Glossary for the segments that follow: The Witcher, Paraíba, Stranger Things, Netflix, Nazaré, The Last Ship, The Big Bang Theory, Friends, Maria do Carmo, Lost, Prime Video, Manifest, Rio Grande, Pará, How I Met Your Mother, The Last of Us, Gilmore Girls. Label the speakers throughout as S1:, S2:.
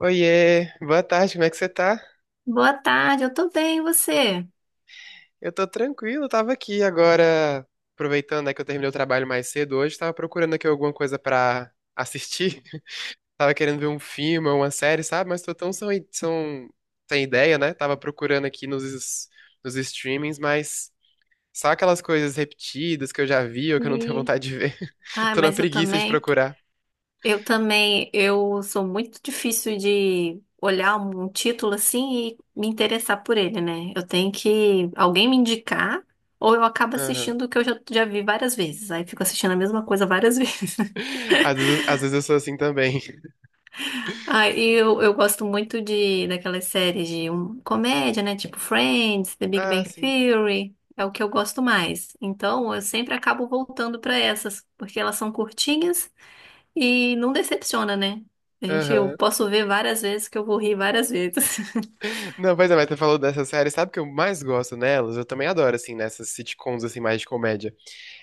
S1: Oiê, boa tarde, como é que você tá?
S2: Boa tarde, eu tô bem, e você?
S1: Eu tô tranquilo, tava aqui agora, aproveitando, né, que eu terminei o trabalho mais cedo hoje, tava procurando aqui alguma coisa pra assistir. Tava querendo ver um filme ou uma série, sabe? Mas tô tão sem, sem ideia, né? Tava procurando aqui nos streamings, mas só aquelas coisas repetidas que eu já vi ou que eu não tenho
S2: E
S1: vontade de ver.
S2: Ah,
S1: Tô na
S2: mas eu
S1: preguiça de
S2: também,
S1: procurar.
S2: eu sou muito difícil de olhar um título assim e me interessar por ele, né? Eu tenho que alguém me indicar ou eu acabo assistindo o que eu já vi várias vezes. Aí fico assistindo a mesma coisa várias vezes.
S1: Às vezes eu sou assim também.
S2: Ah, e eu gosto muito de daquelas séries de comédia, né? Tipo Friends, The Big
S1: Ah,
S2: Bang
S1: sim.
S2: Theory. É o que eu gosto mais. Então, eu sempre acabo voltando pra essas, porque elas são curtinhas e não decepciona, né? A gente, eu
S1: Aham.
S2: posso ver várias vezes que eu vou rir várias vezes.
S1: Não, pois é, mas tu falou dessa série, sabe o que eu mais gosto nelas? Eu também adoro, assim, nessas sitcoms, assim, mais de comédia.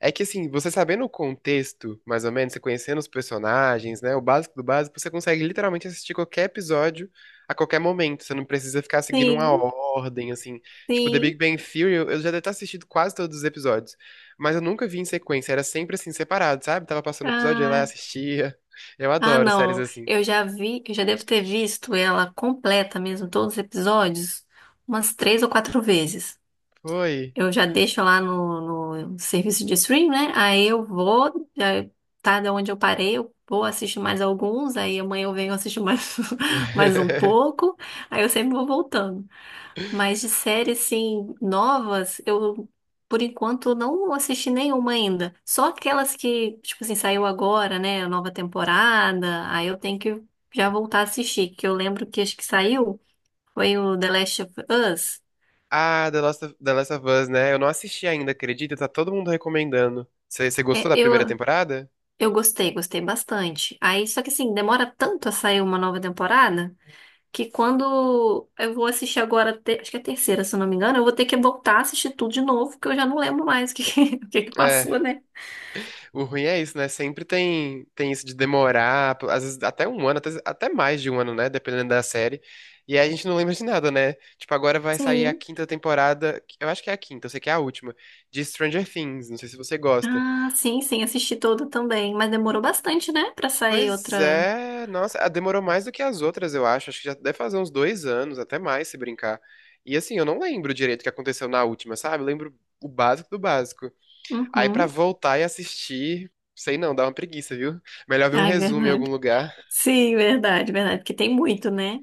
S1: É que, assim, você sabendo o contexto, mais ou menos, você conhecendo os personagens, né, o básico do básico, você consegue literalmente assistir qualquer episódio a qualquer momento. Você não precisa ficar seguindo uma
S2: Sim,
S1: ordem, assim. Tipo, The Big
S2: sim.
S1: Bang Theory, eu já devo ter assistido quase todos os episódios, mas eu nunca vi em sequência, era sempre, assim, separado, sabe? Tava passando o episódio, eu ia lá e
S2: Ah,
S1: assistia. Eu
S2: ah,
S1: adoro séries
S2: não.
S1: assim.
S2: Eu já vi, eu já devo ter visto ela completa mesmo, todos os episódios, umas três ou quatro vezes.
S1: Foi.
S2: Eu já deixo lá no serviço de stream, né? Aí eu vou, já tá de onde eu parei, eu vou assistir mais alguns, aí amanhã eu venho assistir mais, mais um pouco, aí eu sempre vou voltando. Mas de séries, assim, novas, eu, por enquanto, não assisti nenhuma ainda. Só aquelas que, tipo assim, saiu agora, né? A nova temporada, aí eu tenho que já voltar a assistir, que eu lembro que acho que saiu, foi o The Last of Us.
S1: Ah, The Last of Us, né? Eu não assisti ainda, acredita? Tá todo mundo recomendando. Você gostou
S2: É,
S1: da primeira
S2: eu
S1: temporada?
S2: Eu gostei, gostei bastante. Aí, só que assim, demora tanto a sair uma nova temporada que quando eu vou assistir agora, acho que é a terceira, se eu não me engano, eu vou ter que voltar a assistir tudo de novo, porque eu já não lembro mais o o que que
S1: É,
S2: passou, né?
S1: o ruim é isso, né? Tem isso de demorar, às vezes até um ano, até mais de um ano, né? Dependendo da série. E aí a gente não lembra de nada, né? Tipo, agora vai sair a
S2: Sim.
S1: quinta temporada, eu acho que é a quinta, eu sei que é a última, de Stranger Things. Não sei se você gosta.
S2: Ah, sim, sim, assisti toda também. Mas demorou bastante, né, pra sair
S1: Pois
S2: outra.
S1: é, nossa, ah, demorou mais do que as outras, eu acho. Acho que já deve fazer uns 2 anos, até mais, se brincar. E assim, eu não lembro direito o que aconteceu na última, sabe? Eu lembro o básico do básico. Aí pra
S2: Uhum.
S1: voltar e assistir, sei não, dá uma preguiça, viu? Melhor ver um
S2: Ai,
S1: resumo em algum
S2: verdade.
S1: lugar.
S2: Sim, verdade, verdade. Porque tem muito, né?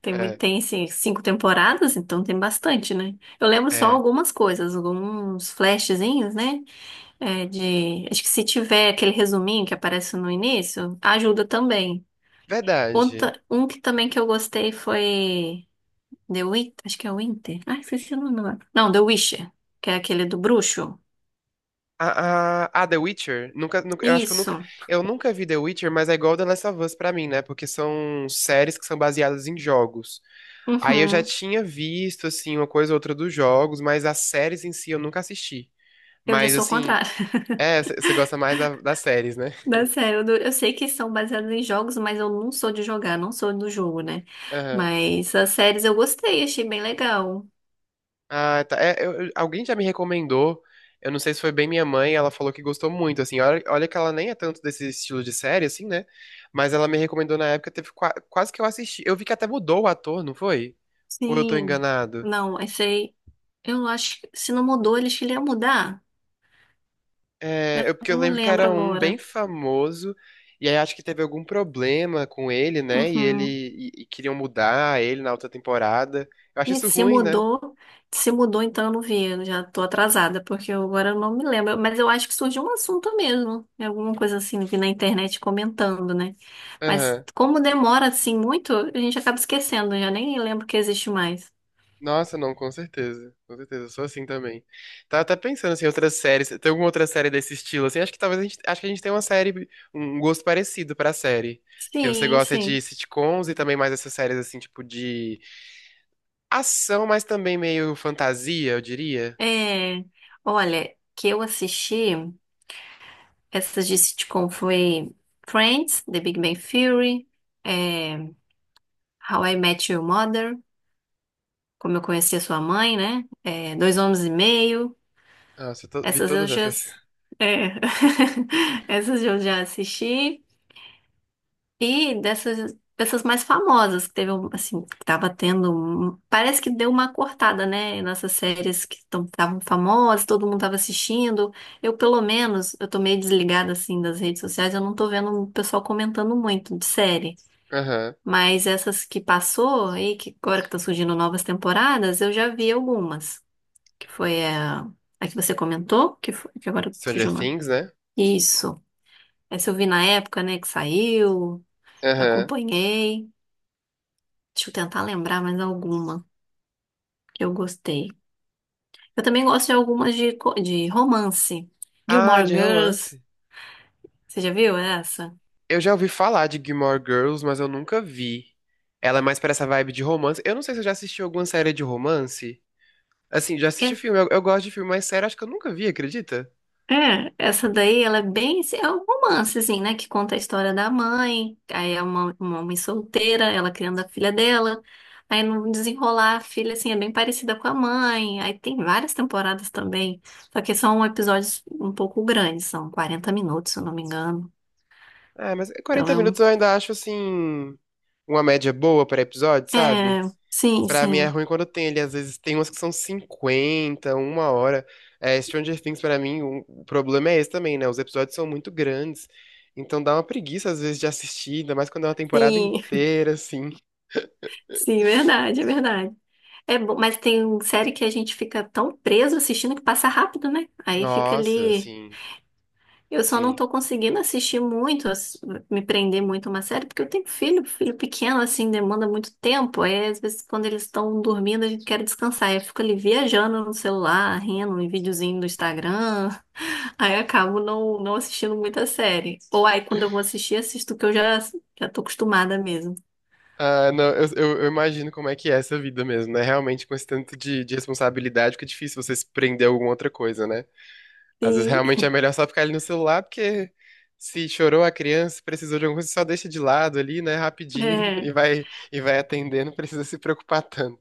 S2: Tem muito,
S1: É,
S2: tem assim, cinco temporadas, então tem bastante, né? Eu lembro só
S1: é.
S2: algumas coisas, alguns flashzinhos, né? É de, acho que se tiver aquele resuminho que aparece no início, ajuda também.
S1: Verdade.
S2: Outra, um que também que eu gostei foi The Witch, acho que é Winter. Ai, esqueci o nome agora. Não, The Witcher, que é aquele do bruxo.
S1: A The Witcher, eu acho que
S2: Isso.
S1: eu nunca vi The Witcher, mas é igual The Last of Us pra mim, né? Porque são séries que são baseadas em jogos. Aí eu já
S2: Uhum.
S1: tinha visto, assim, uma coisa ou outra dos jogos, mas as séries em si eu nunca assisti.
S2: Eu já
S1: Mas,
S2: sou o
S1: assim,
S2: contrário.
S1: é, você gosta mais das séries, né?
S2: Não, sério, eu, não- eu sei que são baseados em jogos, mas eu não sou de jogar, não sou do jogo, né?
S1: Aham.
S2: Mas as séries eu gostei, achei bem legal.
S1: Ah, tá. É, alguém já me recomendou, eu não sei se foi bem minha mãe, ela falou que gostou muito, assim. Olha que ela nem é tanto desse estilo de série, assim, né? Mas ela me recomendou na época, teve quase que eu assisti. Eu vi que até mudou o ator, não foi? Ou eu tô
S2: Sim.
S1: enganado?
S2: Não, achei. Eu acho que se não mudou, eles queriam mudar. Eu
S1: É, eu, porque eu
S2: não
S1: lembro que
S2: lembro
S1: era um bem
S2: agora.
S1: famoso, e aí acho que teve algum problema com ele, né?
S2: Uhum.
S1: E queriam mudar ele na outra temporada. Eu acho
S2: E
S1: isso ruim, né?
S2: se mudou, então eu não vi. Eu já tô atrasada, porque eu agora eu não me lembro. Mas eu acho que surgiu um assunto mesmo. É, alguma coisa assim, vi na internet comentando, né? Mas
S1: Aham.
S2: como demora assim muito, a gente acaba esquecendo, eu já nem lembro que existe mais.
S1: Nossa, não, com certeza. Com certeza, eu sou assim também. Tava até pensando assim, outras séries. Tem alguma outra série desse estilo? Assim, acho que a gente tem uma série, um gosto parecido pra série. Porque você
S2: Sim,
S1: gosta de
S2: sim.
S1: sitcoms e também mais essas séries assim, tipo de ação, mas também meio fantasia, eu diria.
S2: É, olha, que eu assisti, essas de sitcom foi Friends, The Big Bang Theory, é, How I Met Your Mother, como eu conheci a sua mãe, né? É, dois homens e meio.
S1: Nossa, eu vi
S2: Essas eu
S1: todas
S2: já.
S1: essas.
S2: É, essas eu já assisti. E dessas mais famosas, que teve, assim, que tava tendo, parece que deu uma cortada, né? Nessas séries que estavam famosas, todo mundo tava assistindo. Eu, pelo menos, eu tô meio desligada, assim, das redes sociais, eu não tô vendo o pessoal comentando muito de série.
S1: Aham.
S2: Mas essas que passou e que agora que estão surgindo novas temporadas, eu já vi algumas, que foi a que você comentou, que, foi, que agora
S1: Stranger
S2: fugiu o nome.
S1: Things, né?
S2: Isso. Essa eu vi na época, né, que saiu,
S1: Aham.
S2: acompanhei. Deixa eu tentar lembrar mais alguma que eu gostei. Eu também gosto de algumas de romance.
S1: Ah,
S2: Gilmore
S1: de romance.
S2: Girls, você já viu essa?
S1: Eu já ouvi falar de Gilmore Girls, mas eu nunca vi. Ela é mais pra essa vibe de romance. Eu não sei se eu já assisti alguma série de romance. Assim, já
S2: É
S1: assisti filme. Eu gosto de filme, mas série acho que eu nunca vi, acredita?
S2: É, essa daí, ela é bem, assim, é um romance, assim, né, que conta a história da mãe, aí é uma mãe solteira, ela criando a filha dela, aí no desenrolar a filha, assim, é bem parecida com a mãe, aí tem várias temporadas também, só que são episódios um pouco grandes, são 40 minutos, se eu não me engano,
S1: Ah, mas
S2: então
S1: 40
S2: é
S1: minutos
S2: um.
S1: eu ainda acho, assim, uma média boa pra episódio,
S2: É,
S1: sabe?
S2: sim,
S1: Pra mim é
S2: sim,
S1: ruim quando tem ele. Às vezes tem umas que são 50 uma hora. É, Stranger Things, pra mim, o problema é esse também, né? Os episódios são muito grandes. Então dá uma preguiça, às vezes, de assistir, ainda mais quando é uma temporada
S2: sim,
S1: inteira, assim.
S2: sim, verdade. É bom, mas tem série que a gente fica tão preso assistindo que passa rápido, né? Aí fica
S1: Nossa,
S2: ali. Eu só não
S1: sim.
S2: tô conseguindo assistir muito, me prender muito a uma série, porque eu tenho filho, filho pequeno, assim, demanda muito tempo. Aí, às vezes, quando eles estão dormindo, a gente quer descansar. Aí eu fico ali viajando no celular, rindo, em videozinho do Instagram. Aí eu acabo não assistindo muita série. Ou aí, quando eu vou assistir, assisto o que eu já tô acostumada mesmo.
S1: Ah, não, eu imagino como é que é essa vida mesmo, né? Realmente, com esse tanto de responsabilidade, fica difícil você se prender a alguma outra coisa, né? Às vezes
S2: Sim,
S1: realmente é melhor só ficar ali no celular, porque se chorou a criança, precisou de alguma coisa, só deixa de lado ali, né, rapidinho e
S2: é,
S1: vai atendendo, não precisa se preocupar tanto.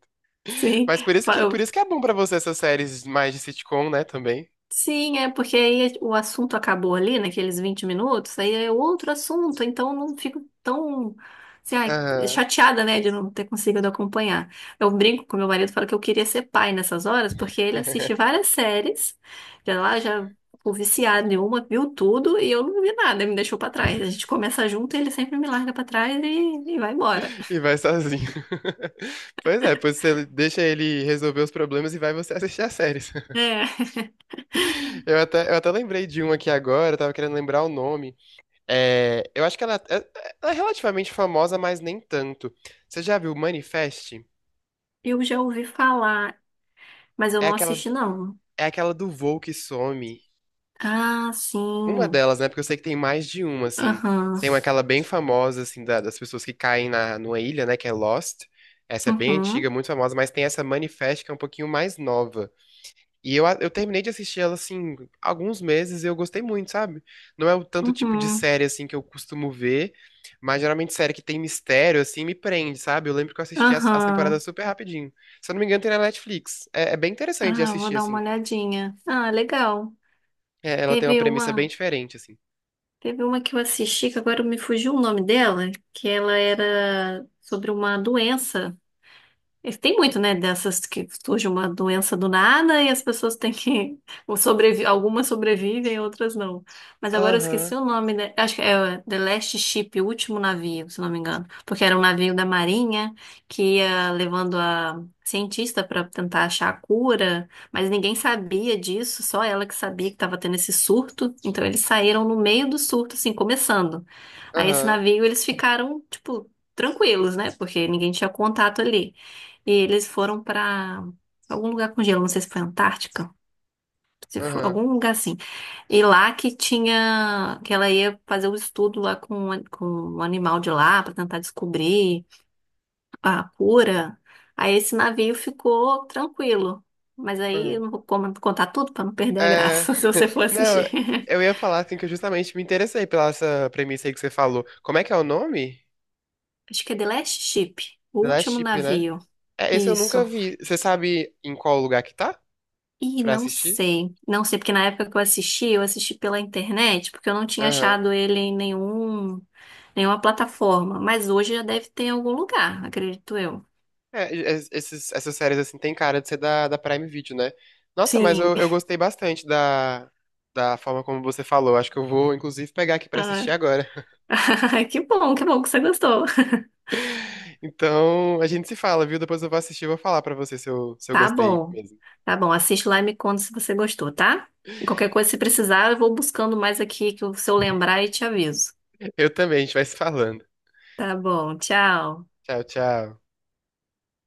S2: sim.
S1: Mas por isso que é bom pra você essas séries mais de sitcom, né, também.
S2: Sim, é porque aí o assunto acabou ali, naqueles 20 minutos, aí é outro assunto, então não fico tão, assim, ai,
S1: Aham.
S2: chateada, né, de não ter conseguido acompanhar. Eu brinco com meu marido, falo que eu queria ser pai nessas horas, porque ele assiste várias séries, já ficou viciado em uma, viu tudo, e eu não vi nada, me deixou pra trás. A gente começa junto, ele sempre me larga pra trás e vai embora.
S1: E vai sozinho. Pois é, depois você deixa ele resolver os problemas e vai você assistir as séries.
S2: É,
S1: Eu até lembrei de um aqui agora, eu tava querendo lembrar o nome. É, eu acho que ela é relativamente famosa, mas nem tanto. Você já viu Manifest?
S2: eu já ouvi falar, mas eu
S1: É
S2: não
S1: aquela,
S2: assisti, não.
S1: é aquela do voo que some.
S2: Ah,
S1: Uma
S2: sim.
S1: delas, né? Porque eu sei que tem mais de uma, assim.
S2: Aham.
S1: Tem uma, aquela bem famosa, assim, das pessoas que caem na, numa ilha, né? Que é Lost. Essa é bem antiga,
S2: Uhum.
S1: muito famosa, mas tem essa Manifest que é um pouquinho mais nova. E eu, eu terminei de assistir ela, assim, alguns meses e eu gostei muito, sabe? Não é o tanto tipo de
S2: Uhum.
S1: série, assim, que eu costumo ver, mas geralmente série que tem mistério, assim, me prende, sabe? Eu lembro que eu assisti as
S2: Aham.
S1: temporadas super rapidinho. Se eu não me engano, tem na Netflix. É, é bem interessante de
S2: Ah, vou
S1: assistir,
S2: dar uma
S1: assim.
S2: olhadinha. Ah, legal.
S1: É, ela tem uma
S2: Teve
S1: premissa bem
S2: uma,
S1: diferente, assim.
S2: teve uma que eu assisti, que agora me fugiu o nome dela, que ela era sobre uma doença. E tem muito, né, dessas que surge uma doença do nada e as pessoas têm que ou sobrevi, algumas sobrevivem, outras não. Mas agora eu
S1: Aham,
S2: esqueci o nome, né? Acho que é The Last Ship, o último navio, se não me engano, porque era um navio da Marinha que ia levando a cientista para tentar achar a cura, mas ninguém sabia disso, só ela que sabia que estava tendo esse surto. Então eles saíram no meio do surto, assim, começando. Aí esse
S1: aham,
S2: navio eles ficaram, tipo, tranquilos, né? Porque ninguém tinha contato ali. E eles foram pra algum lugar com gelo, não sei se foi Antártica, se foi
S1: aham,
S2: algum lugar assim. E lá que tinha, que ela ia fazer o estudo lá com, o com um animal de lá pra tentar descobrir a cura. Aí esse navio ficou tranquilo. Mas aí eu
S1: aham.
S2: não vou contar tudo pra não perder a
S1: É,
S2: graça, se você for
S1: não,
S2: assistir.
S1: eu ia falar, assim, que eu justamente me interessei pela essa premissa aí que você falou. Como é que é o nome?
S2: Acho que é The Last Ship, o
S1: The Last
S2: último
S1: Ship, né?
S2: navio.
S1: É, esse eu nunca
S2: Isso.
S1: vi. Você sabe em qual lugar que tá
S2: Ih,
S1: pra
S2: não
S1: assistir?
S2: sei. Não sei, porque na época que eu assisti pela internet, porque eu não tinha
S1: Aham.
S2: achado ele em nenhuma plataforma. Mas hoje já deve ter em algum lugar, acredito eu.
S1: É, esses, essas séries, assim, tem cara de ser da Prime Video, né? Nossa, mas
S2: Sim.
S1: eu gostei bastante da forma como você falou. Acho que eu vou, inclusive, pegar aqui pra
S2: Ah,
S1: assistir agora.
S2: que bom, que bom que você gostou.
S1: Então, a gente se fala, viu? Depois eu vou assistir e vou falar pra você se eu, se eu
S2: Tá
S1: gostei
S2: bom.
S1: mesmo.
S2: Tá bom, assiste lá e me conta se você gostou, tá? Qualquer coisa, se precisar, eu vou buscando mais aqui, que se eu lembrar e te aviso.
S1: Eu também, a gente vai se falando.
S2: Tá bom, tchau.
S1: Tchau, tchau.